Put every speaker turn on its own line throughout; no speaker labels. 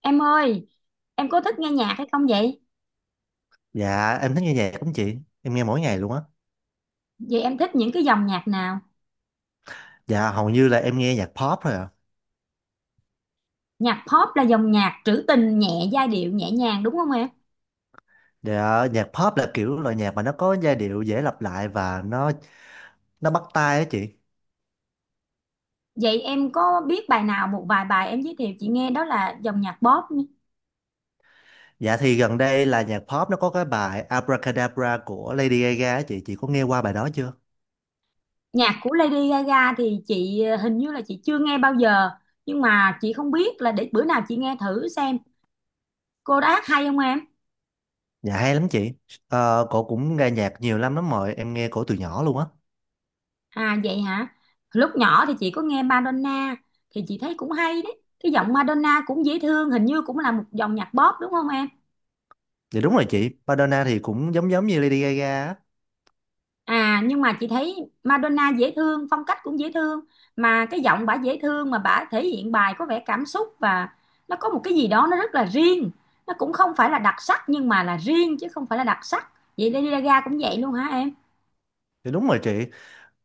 Em ơi, em có thích nghe nhạc hay không vậy?
Dạ em thích nghe nhạc lắm chị. Em nghe mỗi ngày luôn á.
Vậy em thích những cái dòng nhạc nào?
Dạ hầu như là em nghe nhạc pop thôi à.
Nhạc pop là dòng nhạc trữ tình nhẹ, giai điệu nhẹ nhàng đúng không em?
Dạ nhạc pop là kiểu loại nhạc mà nó có giai điệu dễ lặp lại và nó bắt tai á chị.
Vậy em có biết bài nào một vài bài em giới thiệu chị nghe đó là dòng nhạc pop nhé.
Dạ thì gần đây là nhạc pop nó có cái bài Abracadabra của Lady Gaga á chị. Chị có nghe qua bài đó chưa?
Nhạc của Lady Gaga thì chị hình như là chị chưa nghe bao giờ, nhưng mà chị không biết là để bữa nào chị nghe thử xem. Cô hát hay không em?
Dạ hay lắm chị. Cổ cũng nghe nhạc nhiều lắm lắm rồi, em nghe cổ từ nhỏ luôn á.
À vậy hả? Lúc nhỏ thì chị có nghe Madonna thì chị thấy cũng hay đấy. Cái giọng Madonna cũng dễ thương, hình như cũng là một dòng nhạc pop đúng không em?
Dạ đúng rồi chị, Madonna thì cũng giống giống như Lady Gaga á.
À nhưng mà chị thấy Madonna dễ thương, phong cách cũng dễ thương mà cái giọng bả dễ thương mà bả thể hiện bài có vẻ cảm xúc và nó có một cái gì đó nó rất là riêng. Nó cũng không phải là đặc sắc nhưng mà là riêng chứ không phải là đặc sắc. Vậy Lady Gaga cũng vậy luôn hả em?
Dạ đúng rồi chị.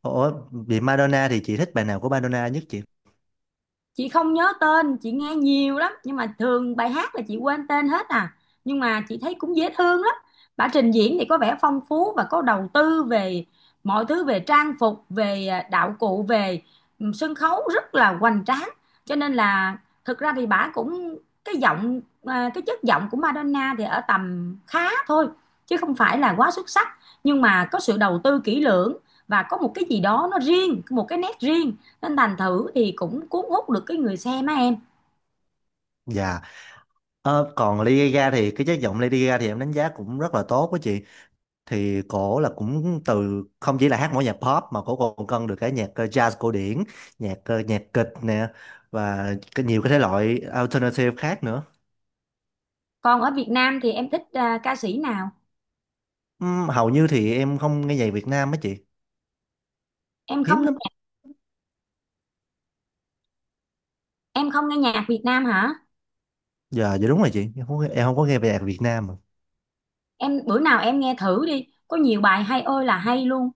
Ủa, vì Madonna thì chị thích bài nào của Madonna nhất chị?
Chị không nhớ tên, chị nghe nhiều lắm nhưng mà thường bài hát là chị quên tên hết à, nhưng mà chị thấy cũng dễ thương lắm. Bả trình diễn thì có vẻ phong phú và có đầu tư về mọi thứ, về trang phục, về đạo cụ, về sân khấu rất là hoành tráng. Cho nên là thực ra thì bả cũng cái giọng, cái chất giọng của Madonna thì ở tầm khá thôi chứ không phải là quá xuất sắc, nhưng mà có sự đầu tư kỹ lưỡng và có một cái gì đó nó riêng, một cái nét riêng, nên thành thử thì cũng cuốn hút được cái người xem á em.
Dạ. Còn Lady Gaga thì cái chất giọng Lady Gaga thì em đánh giá cũng rất là tốt. Với chị thì cổ là cũng từ không chỉ là hát mỗi nhạc pop mà cổ còn cân được cái nhạc jazz cổ điển, nhạc nhạc kịch nè, và cái nhiều cái thể loại alternative khác nữa.
Còn ở Việt Nam thì em thích ca sĩ nào?
Hầu như thì em không nghe nhạc Việt Nam á chị,
Em
hiếm
không,
lắm.
em không nghe nhạc Việt Nam hả
Giờ dạ, đúng rồi chị, em không có nghe về nhạc Việt Nam mà.
em? Bữa nào em nghe thử đi, có nhiều bài hay ơi là hay luôn.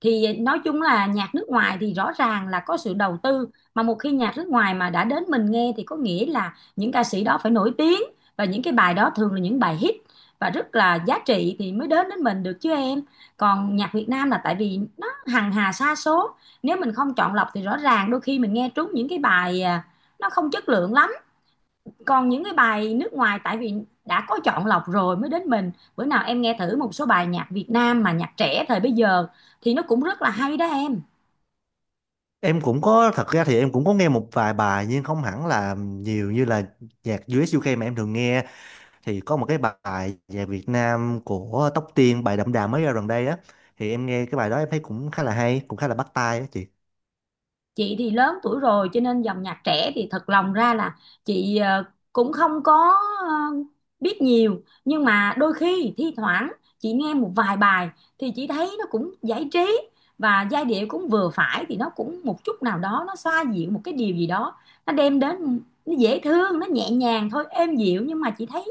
Thì nói chung là nhạc nước ngoài thì rõ ràng là có sự đầu tư, mà một khi nhạc nước ngoài mà đã đến mình nghe thì có nghĩa là những ca sĩ đó phải nổi tiếng, và những cái bài đó thường là những bài hit và rất là giá trị thì mới đến đến mình được chứ em. Còn nhạc Việt Nam là tại vì nó hằng hà sa số, nếu mình không chọn lọc thì rõ ràng đôi khi mình nghe trúng những cái bài nó không chất lượng lắm. Còn những cái bài nước ngoài tại vì đã có chọn lọc rồi mới đến mình. Bữa nào em nghe thử một số bài nhạc Việt Nam mà nhạc trẻ thời bây giờ thì nó cũng rất là hay đó em.
Em cũng có, thật ra thì em cũng có nghe một vài bài nhưng không hẳn là nhiều như là nhạc US UK mà em thường nghe. Thì có một cái bài về Việt Nam của Tóc Tiên, bài Đậm Đà mới ra gần đây á, thì em nghe cái bài đó em thấy cũng khá là hay, cũng khá là bắt tai á chị.
Chị thì lớn tuổi rồi cho nên dòng nhạc trẻ thì thật lòng ra là chị cũng không có biết nhiều, nhưng mà đôi khi thi thoảng chị nghe một vài bài thì chị thấy nó cũng giải trí và giai điệu cũng vừa phải, thì nó cũng một chút nào đó nó xoa dịu một cái điều gì đó nó đem đến. Nó dễ thương, nó nhẹ nhàng thôi, êm dịu, nhưng mà chị thấy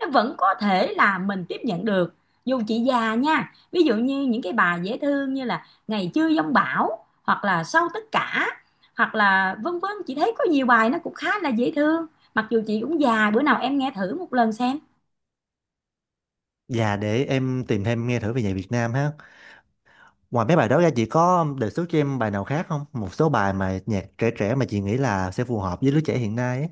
nó vẫn có thể là mình tiếp nhận được, dù chị già nha. Ví dụ như những cái bài dễ thương như là Ngày Chưa Giông Bão hoặc là Sau Tất Cả hoặc là vân vân, chị thấy có nhiều bài nó cũng khá là dễ thương, mặc dù chị cũng già. Bữa nào em nghe thử một lần xem.
Và để em tìm thêm nghe thử về nhạc Việt Nam ha. Ngoài mấy bài đó ra chị có đề xuất cho em bài nào khác không, một số bài mà nhạc trẻ trẻ mà chị nghĩ là sẽ phù hợp với lứa trẻ hiện nay á?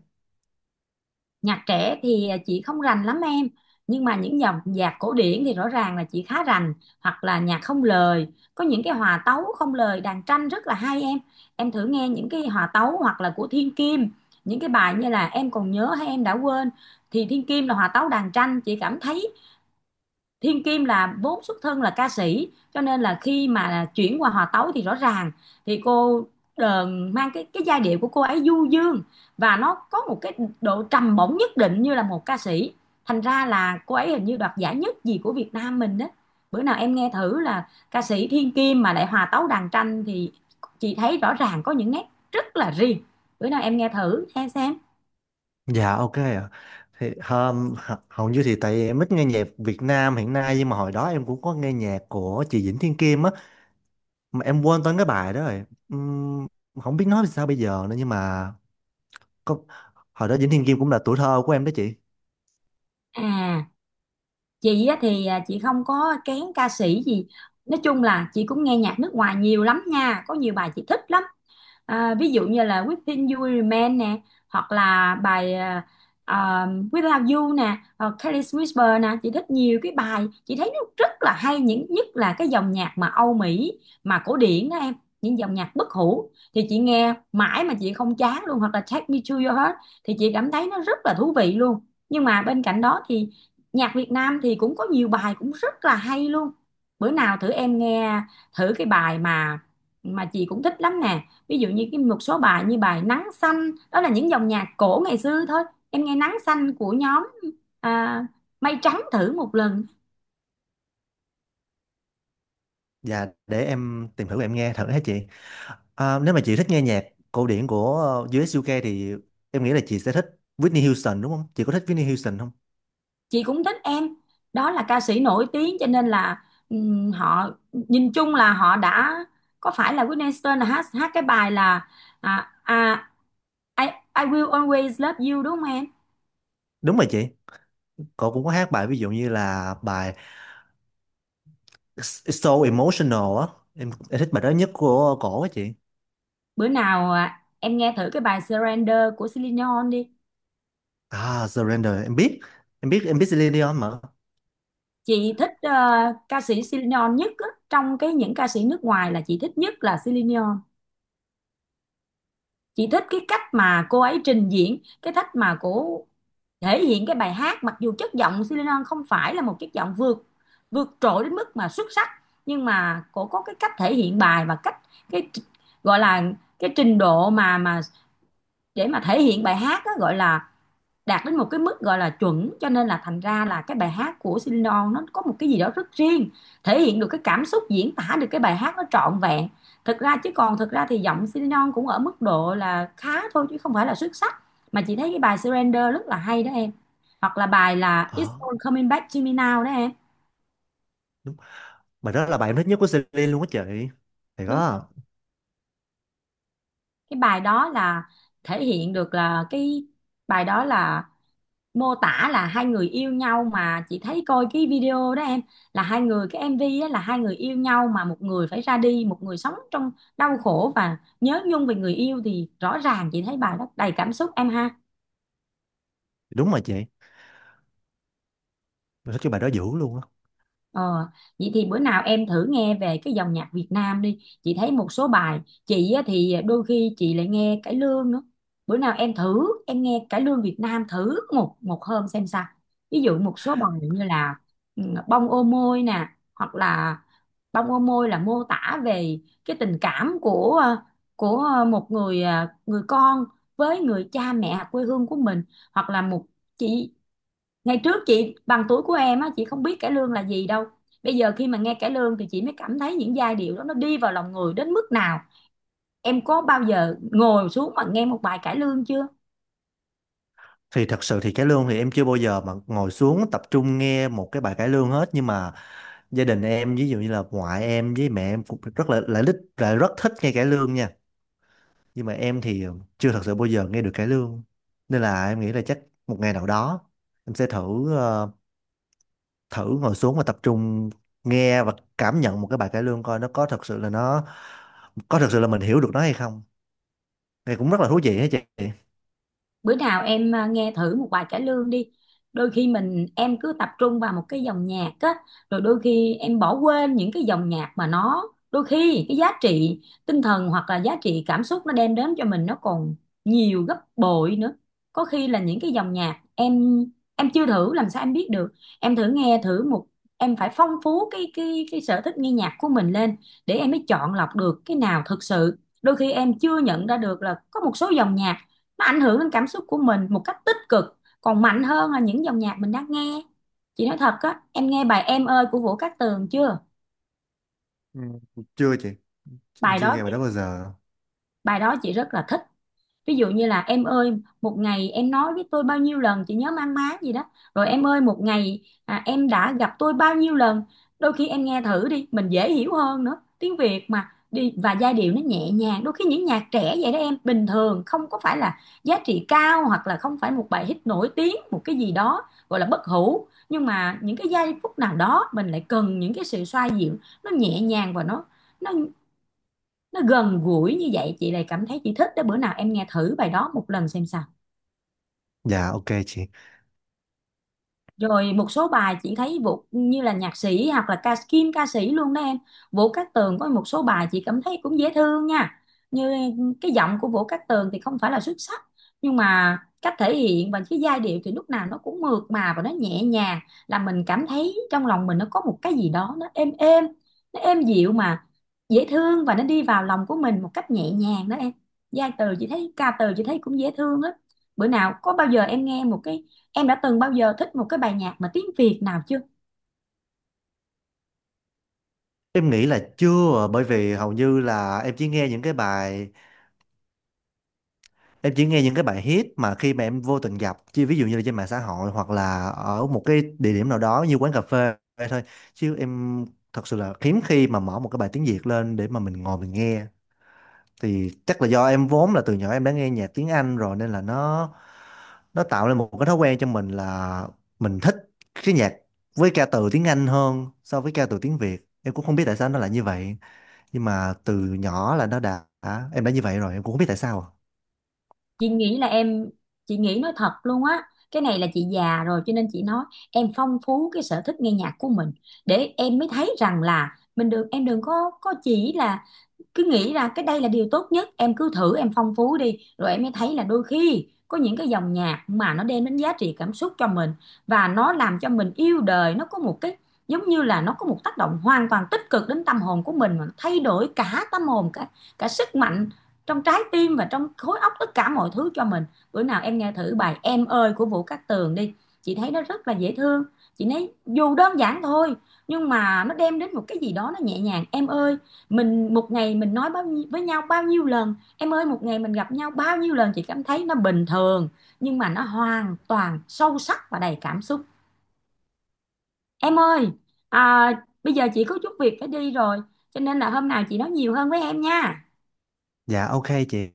Nhạc trẻ thì chị không rành lắm em, nhưng mà những dòng nhạc cổ điển thì rõ ràng là chị khá rành, hoặc là nhạc không lời. Có những cái hòa tấu không lời đàn tranh rất là hay em. Em thử nghe những cái hòa tấu hoặc là của Thiên Kim, những cái bài như là Em Còn Nhớ Hay Em Đã Quên, thì Thiên Kim là hòa tấu đàn tranh. Chị cảm thấy Thiên Kim là vốn xuất thân là ca sĩ, cho nên là khi mà chuyển qua hòa tấu thì rõ ràng thì cô ờ, mang cái giai điệu của cô ấy du dương, và nó có một cái độ trầm bổng nhất định như là một ca sĩ. Thành ra là cô ấy hình như đoạt giải nhất gì của Việt Nam mình đó. Bữa nào em nghe thử là ca sĩ Thiên Kim mà lại hòa tấu đàn tranh thì chị thấy rõ ràng có những nét rất là riêng. Bữa nào em nghe thử nghe xem.
Dạ ok ạ. Hầu như thì tại em ít nghe nhạc Việt Nam hiện nay, nhưng mà hồi đó em cũng có nghe nhạc của chị Vĩnh Thiên Kim á, mà em quên tên cái bài đó rồi. Ừm, không biết nói sao bây giờ nữa, nhưng mà có, hồi đó Vĩnh Thiên Kim cũng là tuổi thơ của em đó chị.
À, chị á thì chị không có kén ca sĩ gì. Nói chung là chị cũng nghe nhạc nước ngoài nhiều lắm nha, có nhiều bài chị thích lắm. Ví dụ như là Within You Will Remain nè, hoặc là bài à, Without You nè, hoặc Careless Whisper nè. Chị thích nhiều cái bài, chị thấy nó rất là hay, những nhất là cái dòng nhạc mà Âu Mỹ mà cổ điển đó em. Những dòng nhạc bất hủ thì chị nghe mãi mà chị không chán luôn, hoặc là Take Me to Your Heart thì chị cảm thấy nó rất là thú vị luôn. Nhưng mà bên cạnh đó thì nhạc Việt Nam thì cũng có nhiều bài cũng rất là hay luôn. Bữa nào thử em nghe thử cái bài mà chị cũng thích lắm nè, ví dụ như cái một số bài như bài Nắng Xanh đó, là những dòng nhạc cổ ngày xưa thôi. Em nghe Nắng Xanh của nhóm à, Mây Trắng thử một lần.
Và để em tìm thử, em nghe thử hả chị. À, nếu mà chị thích nghe nhạc cổ điển của US UK thì em nghĩ là chị sẽ thích Whitney Houston đúng không? Chị có thích Whitney Houston không?
Chị cũng thích em, đó là ca sĩ nổi tiếng cho nên là họ nhìn chung là họ đã có phải là Whitney Houston là hát, hát cái bài là à, à, I, I Will Always Love You đúng không em?
Đúng rồi chị. Cô cũng có hát bài ví dụ như là bài It's So Emotional á. Em thích bài đó nhất của cổ á chị.
Bữa nào em nghe thử cái bài Surrender của Celine Dion đi.
À, Surrender em biết. Em biết, em biết Celine Dion mà.
Chị thích ca sĩ Celine Dion nhất á, trong cái những ca sĩ nước ngoài là chị thích nhất là Celine Dion. Chị thích cái cách mà cô ấy trình diễn, cái cách mà cô thể hiện cái bài hát, mặc dù chất giọng Celine Dion không phải là một chất giọng vượt, vượt trội đến mức mà xuất sắc, nhưng mà cô có cái cách thể hiện bài và cách cái tr- gọi là cái trình độ mà để mà thể hiện bài hát á, gọi là đạt đến một cái mức gọi là chuẩn, cho nên là thành ra là cái bài hát của Celine Dion nó có một cái gì đó rất riêng, thể hiện được cái cảm xúc, diễn tả được cái bài hát nó trọn vẹn. Thực ra chứ còn thực ra thì giọng Celine Dion cũng ở mức độ là khá thôi chứ không phải là xuất sắc, mà chị thấy cái bài Surrender rất là hay đó em, hoặc là bài là It's
Ờ
All Coming Back to Me Now đó em.
đúng. Bài đó là bài em thích nhất của Celine luôn á chị. Thì
Đúng,
đó.
cái bài đó là thể hiện được là cái bài đó là mô tả là hai người yêu nhau. Mà chị thấy coi cái video đó em, là hai người, cái MV á, là hai người yêu nhau mà một người phải ra đi, một người sống trong đau khổ và nhớ nhung về người yêu, thì rõ ràng chị thấy bài đó đầy cảm xúc em ha.
Đúng rồi chị. Em thích cái bài đó dữ luôn á.
Ờ, vậy thì bữa nào em thử nghe về cái dòng nhạc Việt Nam đi. Chị thấy một số bài, chị á thì đôi khi chị lại nghe cải lương nữa. Bữa nào em thử, em nghe cải lương Việt Nam thử một một hôm xem sao. Ví dụ một số bài như là ừ, Bông Ô Môi nè, hoặc là Bông Ô Môi là mô tả về cái tình cảm của của một người người con với người cha mẹ quê hương của mình, hoặc là một chị ngày trước chị bằng tuổi của em á, chị không biết cải lương là gì đâu. Bây giờ khi mà nghe cải lương thì chị mới cảm thấy những giai điệu đó nó đi vào lòng người đến mức nào. Em có bao giờ ngồi xuống mà nghe một bài cải lương chưa?
Thì thật sự thì cải lương thì em chưa bao giờ mà ngồi xuống tập trung nghe một cái bài cải lương hết, nhưng mà gia đình em ví dụ như là ngoại em với mẹ em cũng rất là lại thích, lại rất thích nghe cải lương nha. Nhưng mà em thì chưa thật sự bao giờ nghe được cải lương, nên là em nghĩ là chắc một ngày nào đó em sẽ thử thử ngồi xuống và tập trung nghe và cảm nhận một cái bài cải lương coi nó có thật sự là nó, có thật sự là mình hiểu được nó hay không, thì cũng rất là thú vị hả chị.
Bữa nào em nghe thử một bài cải lương đi. Đôi khi em cứ tập trung vào một cái dòng nhạc á, rồi đôi khi em bỏ quên những cái dòng nhạc mà nó, đôi khi cái giá trị tinh thần hoặc là giá trị cảm xúc nó đem đến cho mình nó còn nhiều gấp bội nữa. Có khi là những cái dòng nhạc em chưa thử làm sao em biết được. Em thử nghe thử một, em phải phong phú cái sở thích nghe nhạc của mình lên, để em mới chọn lọc được cái nào thực sự. Đôi khi em chưa nhận ra được là có một số dòng nhạc nó ảnh hưởng đến cảm xúc của mình một cách tích cực còn mạnh hơn là những dòng nhạc mình đang nghe. Chị nói thật á, em nghe bài Em Ơi của Vũ Cát Tường chưa?
Ừ. Chưa chị, em
Bài
chưa
đó,
nghe bài đó bao giờ.
bài đó chị rất là thích. Ví dụ như là em ơi, một ngày em nói với tôi bao nhiêu lần, chị nhớ mang má gì đó, rồi em ơi một ngày em đã gặp tôi bao nhiêu lần. Đôi khi em nghe thử đi, mình dễ hiểu hơn nữa, tiếng Việt mà, đi và giai điệu nó nhẹ nhàng. Đôi khi những nhạc trẻ vậy đó em, bình thường không có phải là giá trị cao, hoặc là không phải một bài hit nổi tiếng, một cái gì đó gọi là bất hủ, nhưng mà những cái giây phút nào đó mình lại cần những cái sự xoa dịu, nó nhẹ nhàng và nó nó gần gũi như vậy, chị lại cảm thấy chị thích đó. Bữa nào em nghe thử bài đó một lần xem sao.
Dạ ok chị.
Rồi một số bài chị thấy Vũ như là nhạc sĩ hoặc là ca sĩ luôn đó em. Vũ Cát Tường có một số bài chị cảm thấy cũng dễ thương nha. Như cái giọng của Vũ Cát Tường thì không phải là xuất sắc, nhưng mà cách thể hiện và cái giai điệu thì lúc nào nó cũng mượt mà và nó nhẹ nhàng, là mình cảm thấy trong lòng mình nó có một cái gì đó nó êm êm, nó êm dịu mà dễ thương, và nó đi vào lòng của mình một cách nhẹ nhàng đó em. Giai từ chị thấy, ca từ chị thấy cũng dễ thương á. Bữa nào có bao giờ em nghe một cái, em đã từng bao giờ thích một cái bài nhạc mà tiếng Việt nào chưa?
Em nghĩ là chưa, bởi vì hầu như là em chỉ nghe những cái bài, em chỉ nghe những cái bài hit mà khi mà em vô tình gặp, chứ ví dụ như là trên mạng xã hội hoặc là ở một cái địa điểm nào đó như quán cà phê thôi, chứ em thật sự là hiếm khi mà mở một cái bài tiếng Việt lên để mà mình ngồi mình nghe. Thì chắc là do em vốn là từ nhỏ em đã nghe nhạc tiếng Anh rồi nên là nó tạo lên một cái thói quen cho mình là mình thích cái nhạc với ca từ tiếng Anh hơn so với ca từ tiếng Việt. Em cũng không biết tại sao nó lại như vậy, nhưng mà từ nhỏ là nó đã em đã như vậy rồi, em cũng không biết tại sao.
chị nghĩ là em chị nghĩ nói thật luôn á, cái này là chị già rồi cho nên chị nói, em phong phú cái sở thích nghe nhạc của mình, để em mới thấy rằng là mình đừng, em đừng có chỉ là cứ nghĩ ra cái đây là điều tốt nhất. Em cứ thử, em phong phú đi rồi em mới thấy là đôi khi có những cái dòng nhạc mà nó đem đến giá trị cảm xúc cho mình, và nó làm cho mình yêu đời. Nó có một cái giống như là nó có một tác động hoàn toàn tích cực đến tâm hồn của mình, mà nó thay đổi cả tâm hồn, cả cả sức mạnh trong trái tim và trong khối óc, tất cả mọi thứ cho mình. Bữa nào em nghe thử bài Em Ơi của Vũ Cát Tường đi, chị thấy nó rất là dễ thương. Chị thấy dù đơn giản thôi, nhưng mà nó đem đến một cái gì đó nó nhẹ nhàng. Em ơi mình một ngày mình nói bao nhiêu, với nhau bao nhiêu lần, em ơi một ngày mình gặp nhau bao nhiêu lần, chị cảm thấy nó bình thường, nhưng mà nó hoàn toàn sâu sắc và đầy cảm xúc. Em ơi, à, bây giờ chị có chút việc phải đi rồi, cho nên là hôm nào chị nói nhiều hơn với em nha.
Dạ ok chị.